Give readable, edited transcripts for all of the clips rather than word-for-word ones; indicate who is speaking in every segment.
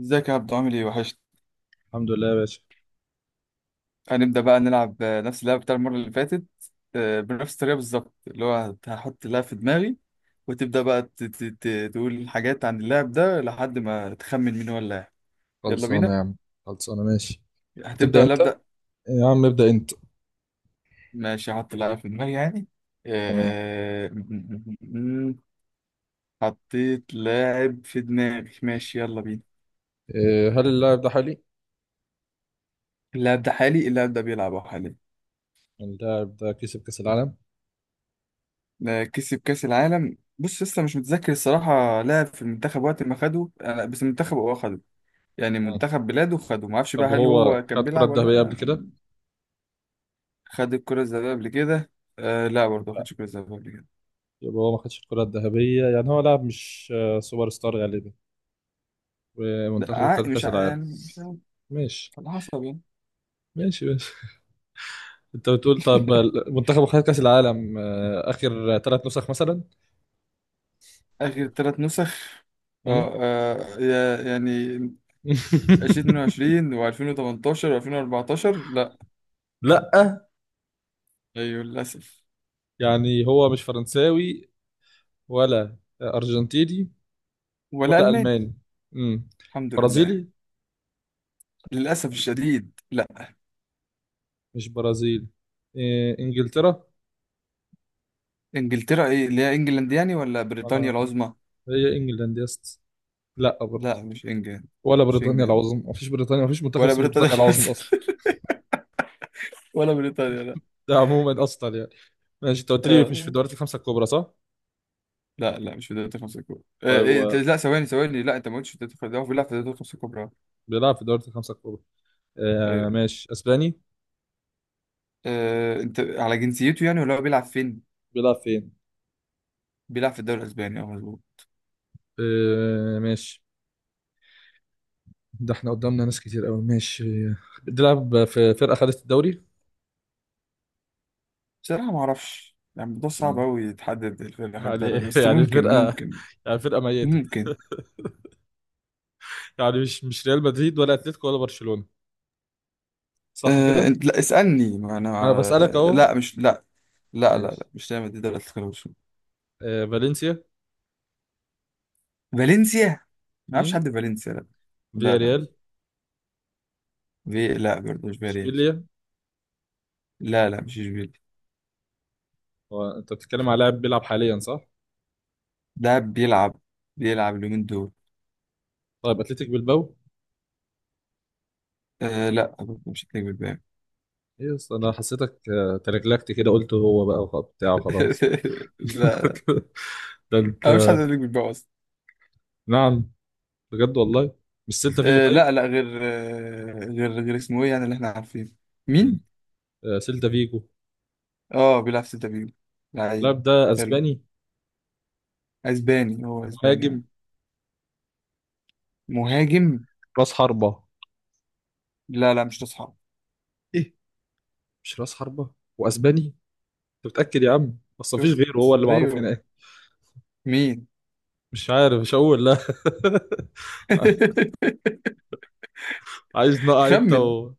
Speaker 1: ازيك يا عبدو، عامل ايه؟ وحشت.
Speaker 2: الحمد لله يا باشا.
Speaker 1: هنبدأ بقى نلعب، نفس اللعبة بتاع المرة اللي فاتت. بنفس الطريقة بالظبط، اللي هو هحط اللعبة في دماغي، وتبدأ بقى تقول حاجات عن اللاعب ده لحد ما تخمن مين هو اللاعب. يلا
Speaker 2: خلصانة
Speaker 1: بينا.
Speaker 2: يا عم. خلصانة ماشي.
Speaker 1: هتبدأ
Speaker 2: هتبدأ
Speaker 1: ولا
Speaker 2: أنت.
Speaker 1: أبدأ؟
Speaker 2: يا عم ابدأ أنت.
Speaker 1: ماشي، هحط اللعبة في دماغي يعني.
Speaker 2: تمام.
Speaker 1: آه، حطيت لاعب في دماغي. ماشي، يلا بينا.
Speaker 2: إيه، هل اللاعب ده حالي؟
Speaker 1: اللاعب ده حالي، اللاعب ده بيلعب أهو حاليا.
Speaker 2: اللاعب ده كسب كأس العالم؟
Speaker 1: كسب كأس العالم. بص، لسه مش متذكر الصراحة، لعب في المنتخب وقت ما خده بس المنتخب هو خده. يعني
Speaker 2: آه.
Speaker 1: منتخب بلاده خده، ما اعرفش بقى
Speaker 2: طب
Speaker 1: هل
Speaker 2: هو
Speaker 1: هو كان
Speaker 2: خد كرة
Speaker 1: بيلعب ولا
Speaker 2: ذهبية قبل كده؟
Speaker 1: لا. خد الكرة الذهبية قبل كده؟ آه لا، برضه ما
Speaker 2: لا.
Speaker 1: خدش الكرة الذهبية قبل كده.
Speaker 2: يبقى هو ما خدش الكرة الذهبية، يعني هو لاعب مش سوبر ستار غالبا.
Speaker 1: لا،
Speaker 2: ومنتخبه
Speaker 1: ع-
Speaker 2: خد
Speaker 1: مش
Speaker 2: كأس
Speaker 1: ع-
Speaker 2: العالم.
Speaker 1: يعني مش عارف.
Speaker 2: ماشي
Speaker 1: على حسب يعني.
Speaker 2: ماشي ماشي. أنت بتقول طب منتخبه خد كأس العالم آخر ثلاث نسخ مثلا؟
Speaker 1: آخر ثلاث نسخ؟
Speaker 2: مم؟
Speaker 1: اه، يعني 2022 و2018 و2014، لا.
Speaker 2: لا،
Speaker 1: ايوه للأسف.
Speaker 2: يعني هو مش فرنساوي، ولا أرجنتيني،
Speaker 1: ولا
Speaker 2: ولا
Speaker 1: ألماني.
Speaker 2: ألماني. امم.
Speaker 1: الحمد لله.
Speaker 2: برازيلي.
Speaker 1: للأسف الشديد، لا.
Speaker 2: مش برازيلي. إيه إنجلترا؟
Speaker 1: انجلترا؟ ايه اللي هي انجلاند يعني ولا بريطانيا
Speaker 2: ولا
Speaker 1: العظمى؟
Speaker 2: هي إنجلاند يا اسطى؟ لا برضه.
Speaker 1: لا، مش انجلاند.
Speaker 2: ولا
Speaker 1: مش
Speaker 2: بريطانيا
Speaker 1: انجلاند
Speaker 2: العظمى، مفيش بريطانيا، مفيش منتخب
Speaker 1: ولا
Speaker 2: اسمه
Speaker 1: بريطانيا
Speaker 2: بريطانيا العظمى أصلا.
Speaker 1: العظمى. ولا بريطانيا، لا.
Speaker 2: ده عموما أصلا يعني. ماشي، أنت قلت لي مش في
Speaker 1: اه،
Speaker 2: الدوريات الخمسة الكبرى صح؟
Speaker 1: لا لا، مش في دوري الخمسة الكبرى.
Speaker 2: طيب هو
Speaker 1: لا، ثواني ثواني، لا انت ما قلتش في دوري الخمسة، هو بيلعب في دوري الخمسة الكبرى.
Speaker 2: بيلعب في الدوريات الخمسة الكبرى. آه
Speaker 1: ايوه.
Speaker 2: ماشي، أسباني.
Speaker 1: انت على جنسيته يعني ولا هو بيلعب فين؟
Speaker 2: بيلعب فين؟
Speaker 1: بيلعب في الدوري الاسباني، اه مظبوط.
Speaker 2: آه ماشي. ده احنا قدامنا ناس كتير قوي. ماشي. بيلعب في فرقة خدت الدوري.
Speaker 1: بصراحة ما اعرفش يعني، الموضوع صعب قوي يتحدد الفرق اللي خد
Speaker 2: يعني
Speaker 1: الدوري، بس
Speaker 2: يعني
Speaker 1: ممكن
Speaker 2: الفرقة،
Speaker 1: ممكن
Speaker 2: يعني فرقة ميتة،
Speaker 1: ممكن.
Speaker 2: يعني مش ريال مدريد، ولا اتلتيكو، ولا برشلونة، صح كده؟
Speaker 1: انت لا اسألني، ما انا
Speaker 2: ما انا بسألك اهو.
Speaker 1: لا مش لا. لا لا,
Speaker 2: ماشي.
Speaker 1: لا مش دايما دي دوري الخمسة.
Speaker 2: آه فالنسيا.
Speaker 1: فالنسيا؟ ما اعرفش
Speaker 2: امم.
Speaker 1: حد في فالنسيا، لا.
Speaker 2: فيا
Speaker 1: لا، لا.
Speaker 2: ريال.
Speaker 1: في، لا برضه مش فيريال.
Speaker 2: اشبيليا.
Speaker 1: لا، لا مش اشبيليا.
Speaker 2: هو انت بتتكلم على لاعب بيلعب حاليا صح؟
Speaker 1: ده بيلعب اليومين دول.
Speaker 2: طيب اتلتيك بالباو.
Speaker 1: لا برضه، مش هتلاقي بالباقي.
Speaker 2: ايه، أصل انا حسيتك تلجلجت كده قلت هو بقى بتاع وخلاص.
Speaker 1: لا،
Speaker 2: ده انت.
Speaker 1: أنا مش حد هتلاقي بالباقي اصلا.
Speaker 2: نعم. بجد والله. مش سيلتا فيجو طيب؟
Speaker 1: لا، لا غير غير اسمه ايه يعني، اللي احنا عارفينه.
Speaker 2: امم.
Speaker 1: مين؟
Speaker 2: آه سيلتا فيجو.
Speaker 1: اه، بيلعب في سيلتا فيجو. لعيب.
Speaker 2: اللاعب ده
Speaker 1: حلو.
Speaker 2: اسباني.
Speaker 1: اسباني، هو اسباني يعني.
Speaker 2: مهاجم.
Speaker 1: مهاجم.
Speaker 2: راس حربة.
Speaker 1: لا، لا مش تصحى.
Speaker 2: ايه، مش راس حربة، واسباني. انت متأكد يا عم؟ اصل مفيش
Speaker 1: شفت؟
Speaker 2: غيره هو اللي معروف
Speaker 1: ايوه.
Speaker 2: هناك.
Speaker 1: مين؟
Speaker 2: مش عارف، مش هقول لا. عايز نقع انت
Speaker 1: خمن.
Speaker 2: و.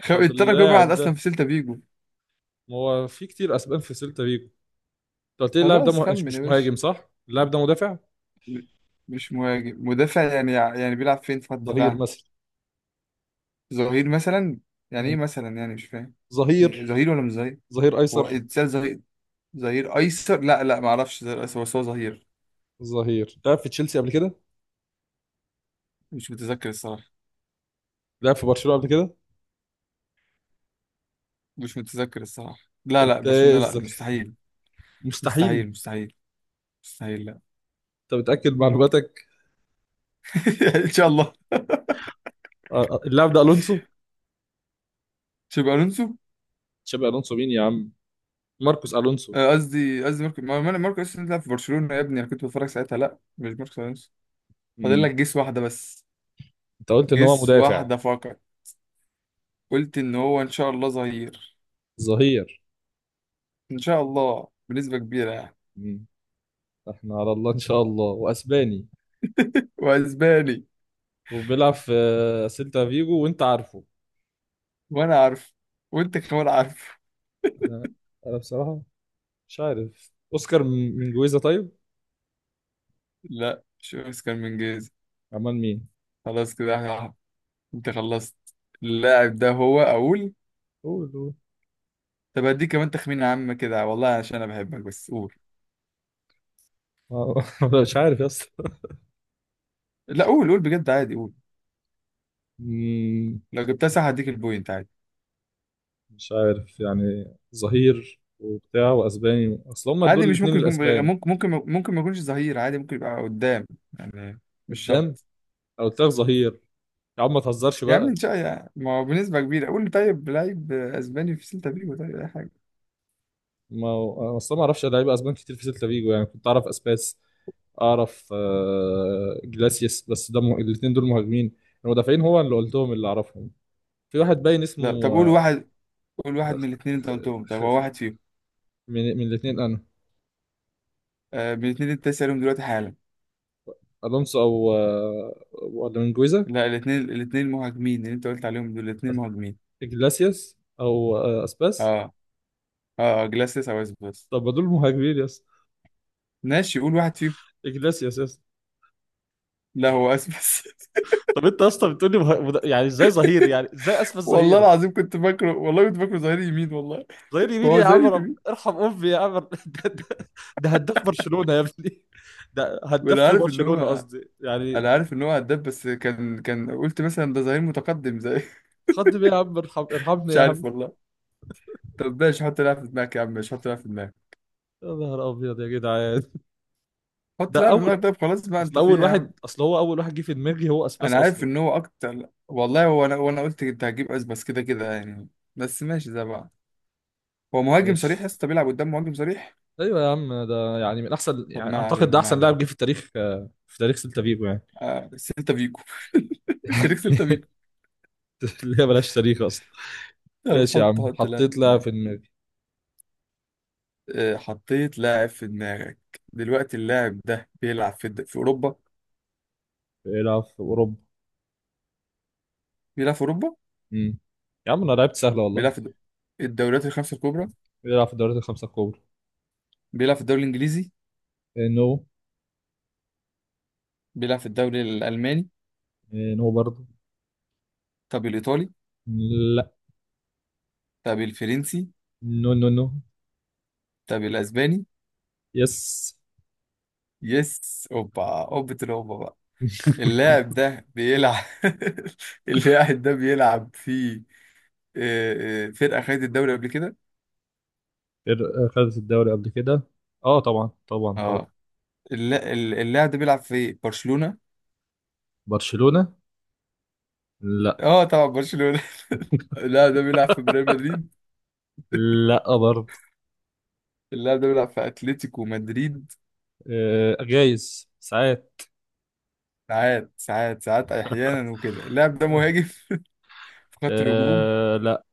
Speaker 2: طب
Speaker 1: الترجي بيلعب
Speaker 2: اللاعب ده،
Speaker 1: اصلا في سيلتا فيجو.
Speaker 2: ما هو في كتير اسبان في سيلتا فيجو، انت قلت لي اللاعب ده
Speaker 1: خلاص،
Speaker 2: مش
Speaker 1: خمن يا
Speaker 2: مش
Speaker 1: باشا.
Speaker 2: مهاجم صح، اللاعب ده مدافع.
Speaker 1: م- مش مهاجم، مدافع يعني بيلعب فين في خط
Speaker 2: ظهير
Speaker 1: الدفاع؟
Speaker 2: مثلا.
Speaker 1: ظهير مثلا. يعني
Speaker 2: مم.
Speaker 1: ايه مثلا يعني؟ مش فاهم. يعني
Speaker 2: ظهير.
Speaker 1: ظهير ولا مش ظهير؟
Speaker 2: ظهير
Speaker 1: هو
Speaker 2: ايسر.
Speaker 1: اتسال ظهير؟ ظهير ايسر؟ لا، لا ما اعرفش ظهير ايسر، بس هو ظهير.
Speaker 2: ظهير لعب في تشيلسي قبل كده.
Speaker 1: مش متذكر الصراحه.
Speaker 2: لعب في برشلونة قبل كده.
Speaker 1: مش متذكر الصراحه. لا، لا
Speaker 2: انت ايه
Speaker 1: برشلونه، لا
Speaker 2: الذكاء.
Speaker 1: مستحيل.
Speaker 2: مستحيل.
Speaker 1: مستحيل، مستحيل. مستحيل، لا.
Speaker 2: انت متأكد من معلوماتك.
Speaker 1: ان شاء الله.
Speaker 2: اللاعب ده الونسو.
Speaker 1: شابي الونسو.
Speaker 2: تشابي الونسو مين يا عم، ماركوس الونسو.
Speaker 1: قصدي ماركو، انا، ماركو الونسو بيلعب في برشلونه يا ابني، انا كنت بتفرج ساعتها، لا مش ماركو الونسو. فاضل
Speaker 2: مم.
Speaker 1: لك جيس واحدة بس.
Speaker 2: انت قلت ان هو
Speaker 1: جيس
Speaker 2: مدافع،
Speaker 1: واحدة فقط. قلت إن هو إن شاء الله ظهير.
Speaker 2: ظهير.
Speaker 1: إن شاء الله، بنسبة كبيرة يعني.
Speaker 2: مم. احنا على الله ان شاء الله، واسباني،
Speaker 1: وأسباني.
Speaker 2: وبيلعب في سيلتا فيجو، وانت عارفه.
Speaker 1: وأنا عارف. وأنت كمان عارف.
Speaker 2: انا انا بصراحه مش عارف. اوسكار من جويزا طيب؟
Speaker 1: لا، مش أوسكار من جيز.
Speaker 2: عمال مين.
Speaker 1: خلاص كده احنا- أنت خلصت؟ اللاعب ده، هو أقول.
Speaker 2: قول قول.
Speaker 1: طب هديك كمان تخمين عام كده والله، عشان أنا بحبك، بس قول.
Speaker 2: آه، أنا مش عارف يا اسطى.
Speaker 1: لا، قول، قول بجد عادي، قول.
Speaker 2: مم.
Speaker 1: لو جبتها صح هديك البوينت عادي.
Speaker 2: مش عارف، يعني ظهير وبتاع واسباني، اصل هما دول
Speaker 1: عادي، مش
Speaker 2: الاثنين
Speaker 1: ممكن يكون.
Speaker 2: الاسبان.
Speaker 1: ممكن، ممكن، ممكن ما يكونش ظهير عادي، ممكن يبقى قدام. يعني، مش
Speaker 2: قدام.
Speaker 1: شرط.
Speaker 2: انا قلت لك ظهير. يا عم ما تهزرش
Speaker 1: يا عم
Speaker 2: بقى.
Speaker 1: ان شاء الله يعني. ما هو بنسبة كبيرة، قول لي طيب، لعيب اسباني في سيلتا فيجو، طيب اي حاجة.
Speaker 2: ما هو- اصل ما اعرفش لعيبه اسبان كتير في سيلتا فيجو، يعني كنت اعرف اسباس، اعرف جلاسيس، بس ده الاثنين دول مهاجمين. المدافعين هو اللي قلتهم، اللي اعرفهم. في واحد باين
Speaker 1: لا، طب
Speaker 2: اسمه
Speaker 1: قول واحد. قول
Speaker 2: خ...
Speaker 1: واحد
Speaker 2: خ...
Speaker 1: من الاثنين انت قلتهم، طب
Speaker 2: خ...
Speaker 1: هو
Speaker 2: خ-
Speaker 1: واحد فيهم.
Speaker 2: من الاثنين انا.
Speaker 1: من الاثنين اللي انت سألهم دلوقتي حالا.
Speaker 2: الونسو او ولا من جويزا.
Speaker 1: لا، الاثنين مهاجمين، اللي انت قلت عليهم دول الاثنين مهاجمين.
Speaker 2: جلاسيس او اسباس.
Speaker 1: اه جلاسيس او اسبس.
Speaker 2: طب ما دول مهاجمين يا اسطى.
Speaker 1: ماشي، قول واحد فيهم.
Speaker 2: جلاسيس يا اسطى.
Speaker 1: لا، هو اسبس.
Speaker 2: طب انت اصلا بتقول لي يعني ازاي ظهير، يعني ازاي اسفل
Speaker 1: والله
Speaker 2: ظهير.
Speaker 1: العظيم كنت فاكره، والله كنت فاكره ظهير يمين، والله.
Speaker 2: ظهير
Speaker 1: ما
Speaker 2: يمين
Speaker 1: هو
Speaker 2: يا عم.
Speaker 1: ظهير يمين.
Speaker 2: ارحم امي يا عم. ده, ده, ده هداف برشلونة يا ابني، ده هداف
Speaker 1: وانا
Speaker 2: في
Speaker 1: عارف ان
Speaker 2: برشلونة
Speaker 1: هو.
Speaker 2: قصدي يعني.
Speaker 1: انا عارف ان هو هداف، بس كان قلت مثلا ده ظهير متقدم زي.
Speaker 2: خد بيه يا عم، ارحم ارحمني
Speaker 1: مش
Speaker 2: يا عم.
Speaker 1: عارف والله. طب ماشي، حط لعبة في دماغك يا عم. ماشي، حط لعبة في دماغك.
Speaker 2: يا نهار ابيض يا جدعان.
Speaker 1: حط
Speaker 2: ده
Speaker 1: لعبة في
Speaker 2: اول.
Speaker 1: دماغك. طب خلاص بقى،
Speaker 2: اصل
Speaker 1: انت في ايه
Speaker 2: اول
Speaker 1: يا عم؟
Speaker 2: واحد، اصل هو اول واحد جه في دماغي هو اسباس
Speaker 1: انا عارف
Speaker 2: اصلا.
Speaker 1: ان هو اكتر والله. هو انا قلت انت هتجيب اس بس، كده كده يعني. بس ماشي، زي بعض. هو مهاجم
Speaker 2: ماشي.
Speaker 1: صريح يا اسطى، بيلعب قدام، مهاجم صريح.
Speaker 2: ايوه يا عم، ده يعني من احسن،
Speaker 1: طب
Speaker 2: يعني
Speaker 1: ما
Speaker 2: اعتقد
Speaker 1: علينا،
Speaker 2: ده
Speaker 1: ما
Speaker 2: احسن
Speaker 1: علينا.
Speaker 2: لاعب جه في التاريخ، في تاريخ سيلتا فيجو يعني.
Speaker 1: سيلتا فيجو. انت ليك سيلتا فيجو.
Speaker 2: اللي هي ملهاش تاريخ اصلا.
Speaker 1: طب
Speaker 2: ماشي يا
Speaker 1: حط
Speaker 2: عم
Speaker 1: حط لاعب في
Speaker 2: حطيت لاعب
Speaker 1: دماغك.
Speaker 2: في دماغي.
Speaker 1: حطيت لاعب في دماغك. دلوقتي اللاعب ده بيلعب في في اوروبا.
Speaker 2: بيلعب في اوروبا.
Speaker 1: بيلعب في اوروبا.
Speaker 2: امم. يا عم انا لعبت سهله والله.
Speaker 1: بيلعب في الدوريات الخمسة الكبرى.
Speaker 2: بيلعب في الدوريات الخمسه الكبرى.
Speaker 1: بيلعب في الدوري الانجليزي؟
Speaker 2: نو.
Speaker 1: بيلعب في الدوري الالماني؟
Speaker 2: نو برضه.
Speaker 1: طب الايطالي؟
Speaker 2: لا.
Speaker 1: طب الفرنسي؟
Speaker 2: نو نو نو.
Speaker 1: طب الاسباني؟
Speaker 2: يس.
Speaker 1: يس، اوبا اوبة الاوبا بقى. اللاعب ده بيلعب. اللاعب ده بيلعب في فرقة خدت الدوري قبل كده.
Speaker 2: خدت الدوري قبل كده. اه طبعا طبعا طبعا.
Speaker 1: اه، اللاعب ده بيلعب في برشلونة.
Speaker 2: برشلونة. لا.
Speaker 1: اه طبعا، برشلونة. اللاعب ده بيلعب في ريال مدريد.
Speaker 2: لا برضه.
Speaker 1: اللاعب ده بيلعب في اتلتيكو مدريد.
Speaker 2: آه جايز ساعات.
Speaker 1: ساعات، ساعات، ساعات، احيانا وكده. اللاعب ده مهاجم في خط الهجوم.
Speaker 2: آه لا.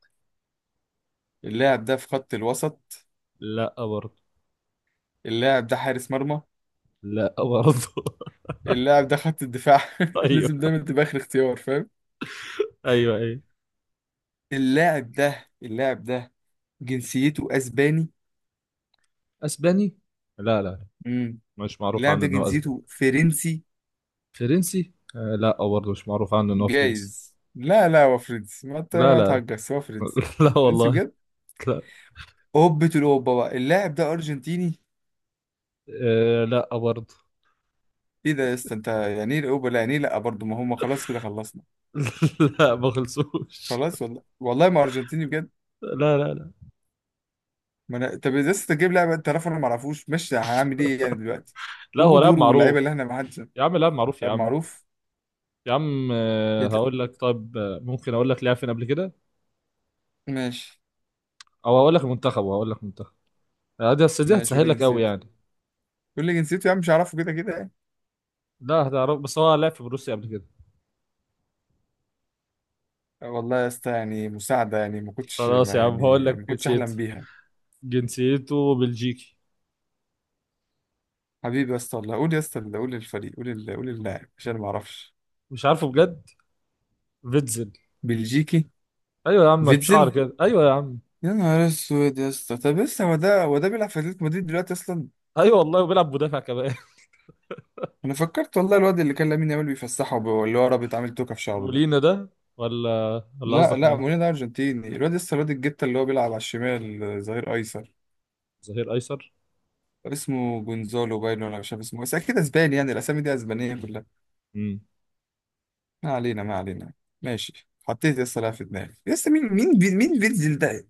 Speaker 1: اللاعب ده في خط الوسط.
Speaker 2: لا برضه.
Speaker 1: اللاعب ده حارس مرمى.
Speaker 2: لا برضه.
Speaker 1: اللاعب ده خط الدفاع.
Speaker 2: ايوه
Speaker 1: لازم دايما تبقى اخر اختيار، فاهم.
Speaker 2: ايوه ايوه.
Speaker 1: اللاعب ده جنسيته اسباني.
Speaker 2: اسباني. لا لا،
Speaker 1: امم
Speaker 2: مش معروف
Speaker 1: اللاعب
Speaker 2: عنه
Speaker 1: ده
Speaker 2: ان هو اسباني.
Speaker 1: جنسيته فرنسي.
Speaker 2: فرنسي لا برضه، مش معروف عنه ان هو فرنسي.
Speaker 1: جايز. لا، لا هو فرنسي، ما انت
Speaker 2: لا
Speaker 1: ما
Speaker 2: لا.
Speaker 1: تهجس، هو فرنسي.
Speaker 2: لا
Speaker 1: فرنسي
Speaker 2: والله.
Speaker 1: بجد.
Speaker 2: لا.
Speaker 1: اوبة الاوبا بقى، اللاعب ده ارجنتيني.
Speaker 2: آه لا برضه.
Speaker 1: ايه ده يا اسطى؟ انت يعني ايه الاوبا لا؟ يعني ايه لا برضه؟ ما هم خلاص كده، خلصنا.
Speaker 2: لا ما خلصوش.
Speaker 1: خلاص والله، والله ما ارجنتيني بجد.
Speaker 2: لا لا لا.
Speaker 1: ما انا، طب يا اسطى تجيب لاعب انت عارف انا ما اعرفوش، ماشي هنعمل ايه يعني دلوقتي؟
Speaker 2: لا هو
Speaker 1: وجو
Speaker 2: لاعب
Speaker 1: دوره
Speaker 2: معروف.
Speaker 1: واللعيبه اللي احنا ما حدش.
Speaker 2: يا عم لاعب معروف يا
Speaker 1: طب
Speaker 2: عم.
Speaker 1: معروف.
Speaker 2: يا عم، هقول لك طيب، ممكن اقول لك لعب فين قبل كده،
Speaker 1: ماشي،
Speaker 2: او هقول لك المنتخب، وهقول لك منتخب. دي بس دي
Speaker 1: ماشي، قول
Speaker 2: هتسهل
Speaker 1: لي
Speaker 2: لك قوي
Speaker 1: جنسيته.
Speaker 2: يعني.
Speaker 1: قول لي جنسيته يا عم، مش هعرفه كده كده يعني.
Speaker 2: لا هتعرف، بس هو لعب في بروسيا قبل كده.
Speaker 1: والله يا اسطى، يعني مساعدة، يعني
Speaker 2: خلاص يا عم هقول لك
Speaker 1: ما كنتش
Speaker 2: جنسيته.
Speaker 1: أحلم بيها.
Speaker 2: جنسيته بلجيكي.
Speaker 1: حبيبي يا اسطى والله، قول يا اسطى، قول الفريق، قول اللاعب عشان ما أعرفش.
Speaker 2: مش عارفه بجد. فيتزل.
Speaker 1: بلجيكي؟
Speaker 2: ايوه يا عم، بشعر
Speaker 1: فيتزل؟
Speaker 2: كده، ايوه يا عم.
Speaker 1: يا نهار اسود يا اسطى. طب لسه هو ده بيلعب في اتلتيكو مدريد دلوقتي اصلا؟
Speaker 2: ايوه والله، وبيلعب مدافع كمان.
Speaker 1: انا فكرت والله الواد اللي كان لامين يامال بيفسحه اللي هو رابط عامل توكه في شعره ده.
Speaker 2: مولينا ده، ولا
Speaker 1: لا،
Speaker 2: قصدك
Speaker 1: لا
Speaker 2: مين؟
Speaker 1: مورينيو ده ارجنتيني. الواد لسه، الواد الجته اللي هو بيلعب على الشمال، ظهير ايسر.
Speaker 2: ظهير ايسر.
Speaker 1: اسمه جونزالو باينو ولا مش عارف اسمه، بس اكيد اسباني يعني، الاسامي دي اسبانيه كلها.
Speaker 2: مم.
Speaker 1: ما علينا، ما علينا. ماشي، حطيت يا اسطى لاعب في دماغي يا اسطى. مين، مين فيتزل ده؟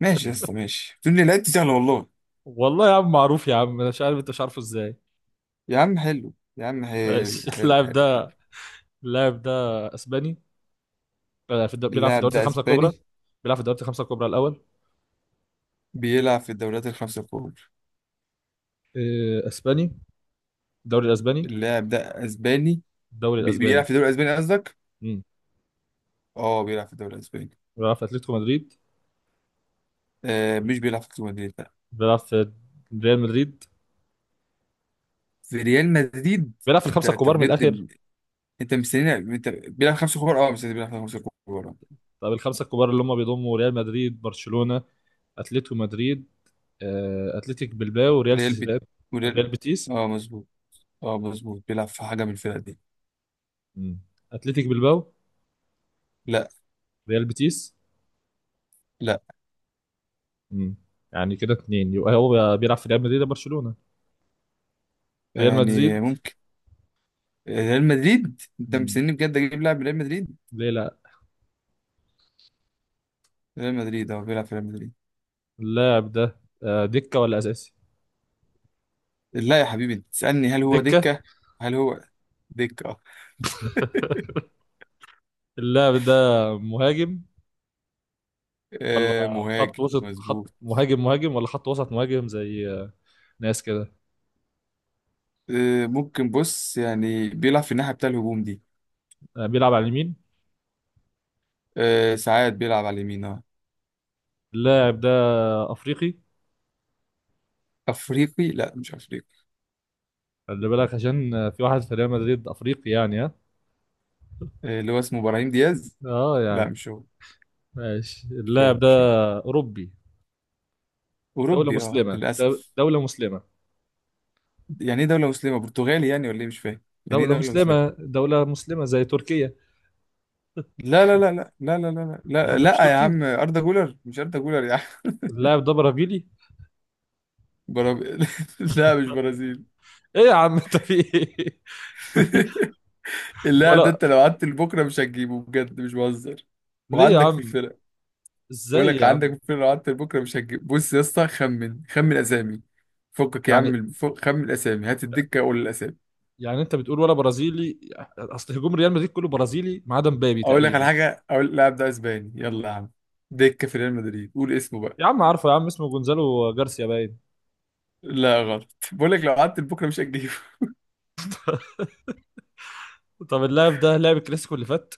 Speaker 1: ماشي يا اسطى، ماشي، تقول لي لعبت سهله والله.
Speaker 2: والله يا عم معروف يا عم، أنا مش عارف انت مش عارفه ازاي.
Speaker 1: يا عم حلو، يا عم حلو،
Speaker 2: بس
Speaker 1: حلو،
Speaker 2: اللاعب
Speaker 1: حلو، حلو.
Speaker 2: ده اللاعب ده اسباني، في بيلعب في
Speaker 1: اللاعب
Speaker 2: الدوريات
Speaker 1: ده
Speaker 2: الخمسه الكبرى.
Speaker 1: اسباني.
Speaker 2: بيلعب في الدوريات الخمسه الكبرى الاول.
Speaker 1: بيلعب في الدوريات الخمسه الكبرى.
Speaker 2: اسباني. الدوري الاسباني.
Speaker 1: اللاعب ده اسباني.
Speaker 2: الدوري
Speaker 1: بيلعب
Speaker 2: الاسباني.
Speaker 1: في الدوري الاسباني قصدك؟
Speaker 2: امم.
Speaker 1: اه، بيلعب في الدوري الاسباني.
Speaker 2: بيلعب في اتلتيكو مدريد.
Speaker 1: مش بيلعب في ريال مدريد؟ لا.
Speaker 2: بيلعب في ريال مدريد.
Speaker 1: في ريال مدريد.
Speaker 2: بيلعب في
Speaker 1: انت
Speaker 2: الخمسه
Speaker 1: انت
Speaker 2: الكبار من الاخر.
Speaker 1: بجد؟ انت مستني انت بيلعب خمسة كبار؟ اه. مستني بيلعب خمسة كبار؟ اه.
Speaker 2: طب الخمسه الكبار اللي هم بيضموا ريال مدريد، برشلونه، اتلتيكو مدريد، اتلتيك بلباو، ريال
Speaker 1: ريال بيت،
Speaker 2: سوسيداد،
Speaker 1: وريال.
Speaker 2: ريال بيتيس.
Speaker 1: اه مظبوط. اه مظبوط، بيلعب في حاجة من الفرق دي.
Speaker 2: مم. اتلتيك بلباو.
Speaker 1: لا،
Speaker 2: ريال بيتيس.
Speaker 1: لا.
Speaker 2: مم. يعني كده اتنين، يبقى هو بيلعب في ريال مدريد ولا برشلونة؟ ريال
Speaker 1: يعني،
Speaker 2: مدريد.
Speaker 1: ممكن. ريال مدريد؟ انت
Speaker 2: مم.
Speaker 1: مستني بجد اجيب لاعب من ريال مدريد؟
Speaker 2: ليه لا.
Speaker 1: ريال مدريد، اه بيلعب في ريال مدريد.
Speaker 2: اللاعب ده دكة ولا أساسي؟
Speaker 1: لا يا حبيبي، انت تسألني هل هو
Speaker 2: دكة.
Speaker 1: دكة. هل هو دكة؟ اه.
Speaker 2: اللاعب ده مهاجم، ولا خط
Speaker 1: مهاجم
Speaker 2: وسط خط
Speaker 1: مظبوط.
Speaker 2: مهاجم، مهاجم ولا خط وسط مهاجم زي ناس كده.
Speaker 1: ممكن، بص يعني، بيلعب في الناحية بتاع الهجوم دي.
Speaker 2: بيلعب على اليمين.
Speaker 1: ساعات بيلعب على اليمين، اه.
Speaker 2: اللاعب ده أفريقي.
Speaker 1: افريقي؟ لا، مش افريقي.
Speaker 2: خلي بالك عشان في واحد في ريال مدريد أفريقي يعني ها.
Speaker 1: اللي هو اسمه ابراهيم دياز.
Speaker 2: اه
Speaker 1: لا،
Speaker 2: يعني.
Speaker 1: مش هو.
Speaker 2: ماشي
Speaker 1: شو،
Speaker 2: اللاعب ده
Speaker 1: شو.
Speaker 2: أوروبي. دولة
Speaker 1: أوروبي، أه
Speaker 2: مسلمة
Speaker 1: للأسف.
Speaker 2: دولة مسلمة.
Speaker 1: يعني إيه دولة مسلمة؟ برتغالي يعني ولا إيه؟ مش فاهم يعني إيه
Speaker 2: دولة
Speaker 1: دولة
Speaker 2: مسلمة
Speaker 1: مسلمة.
Speaker 2: دولة مسلمة زي تركيا.
Speaker 1: لا، لا، لا، لا، لا، لا، لا، لا، لا،
Speaker 2: اللاعب ده مش
Speaker 1: لا يا
Speaker 2: تركي.
Speaker 1: عم، أردا جولر مش أردا جولر يا عم.
Speaker 2: اللاعب ده برازيلي.
Speaker 1: برازيل؟ لا، مش برازيل.
Speaker 2: ايه يا عم انت في ايه.
Speaker 1: اللاعب ده
Speaker 2: ولا
Speaker 1: أنت لو قعدت لبكرة مش هتجيبه، بجد مش بهزر.
Speaker 2: ليه يا
Speaker 1: وعندك في
Speaker 2: عم،
Speaker 1: الفرق. بقول
Speaker 2: ازاي
Speaker 1: لك
Speaker 2: يا
Speaker 1: عندك في
Speaker 2: عم.
Speaker 1: الفرق، لو قعدت لبكرة مش هتجيب. بص يا اسطى، خمن، خمن أسامي. فكك يا
Speaker 2: يعني
Speaker 1: عم، فك، خمن الأسامي، هات الدكة، قول الأسامي.
Speaker 2: يعني انت بتقول ولا برازيلي، اصل هجوم ريال مدريد كله برازيلي ما عدا مبابي
Speaker 1: أقول لك على
Speaker 2: تقريبا.
Speaker 1: حاجة، أقول اللاعب ده أسباني، يلا يا عم. دكة في ريال مدريد، قول اسمه بقى.
Speaker 2: يا عم عارفه يا عم اسمه جونزالو جارسيا باين.
Speaker 1: لا غلط، بقول لك لو قعدت لبكره مش هتجيبه.
Speaker 2: طب اللاعب ده لعب الكلاسيكو اللي فات.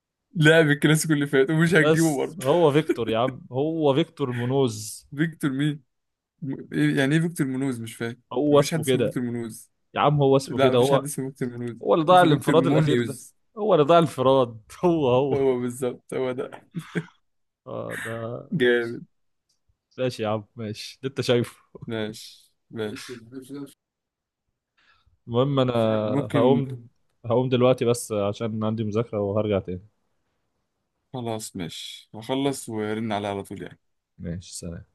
Speaker 1: لعب الكلاسيكو اللي فات ومش هتجيبه
Speaker 2: بس
Speaker 1: برضه.
Speaker 2: هو فيكتور يا عم، هو فيكتور مونوز.
Speaker 1: فيكتور مين؟ يعني ايه فيكتور منوز؟ مش فاهم،
Speaker 2: هو
Speaker 1: مفيش حد
Speaker 2: اسمه
Speaker 1: اسمه
Speaker 2: كده،
Speaker 1: فيكتور منوز.
Speaker 2: يا عم هو اسمه
Speaker 1: لا،
Speaker 2: كده
Speaker 1: مفيش حد
Speaker 2: هو.
Speaker 1: اسمه فيكتور منوز.
Speaker 2: هو اللي ضاع
Speaker 1: اسمه فيكتور
Speaker 2: الانفراد الاخير ده.
Speaker 1: مونيوز.
Speaker 2: هو اللي ضاع الانفراد، هو هو.
Speaker 1: هو بالظبط، هو ده.
Speaker 2: آه ده.
Speaker 1: جامد.
Speaker 2: ماشي يا عم، ماشي اللي انت شايفه.
Speaker 1: ماشي، ماشي.
Speaker 2: المهم انا
Speaker 1: ممكن.
Speaker 2: هقوم هقوم دلوقتي بس عشان عندي مذاكرة، وهرجع تاني.
Speaker 1: خلاص، ماشي، هخلص وارن عليه على طول يعني.
Speaker 2: ماشي سلام.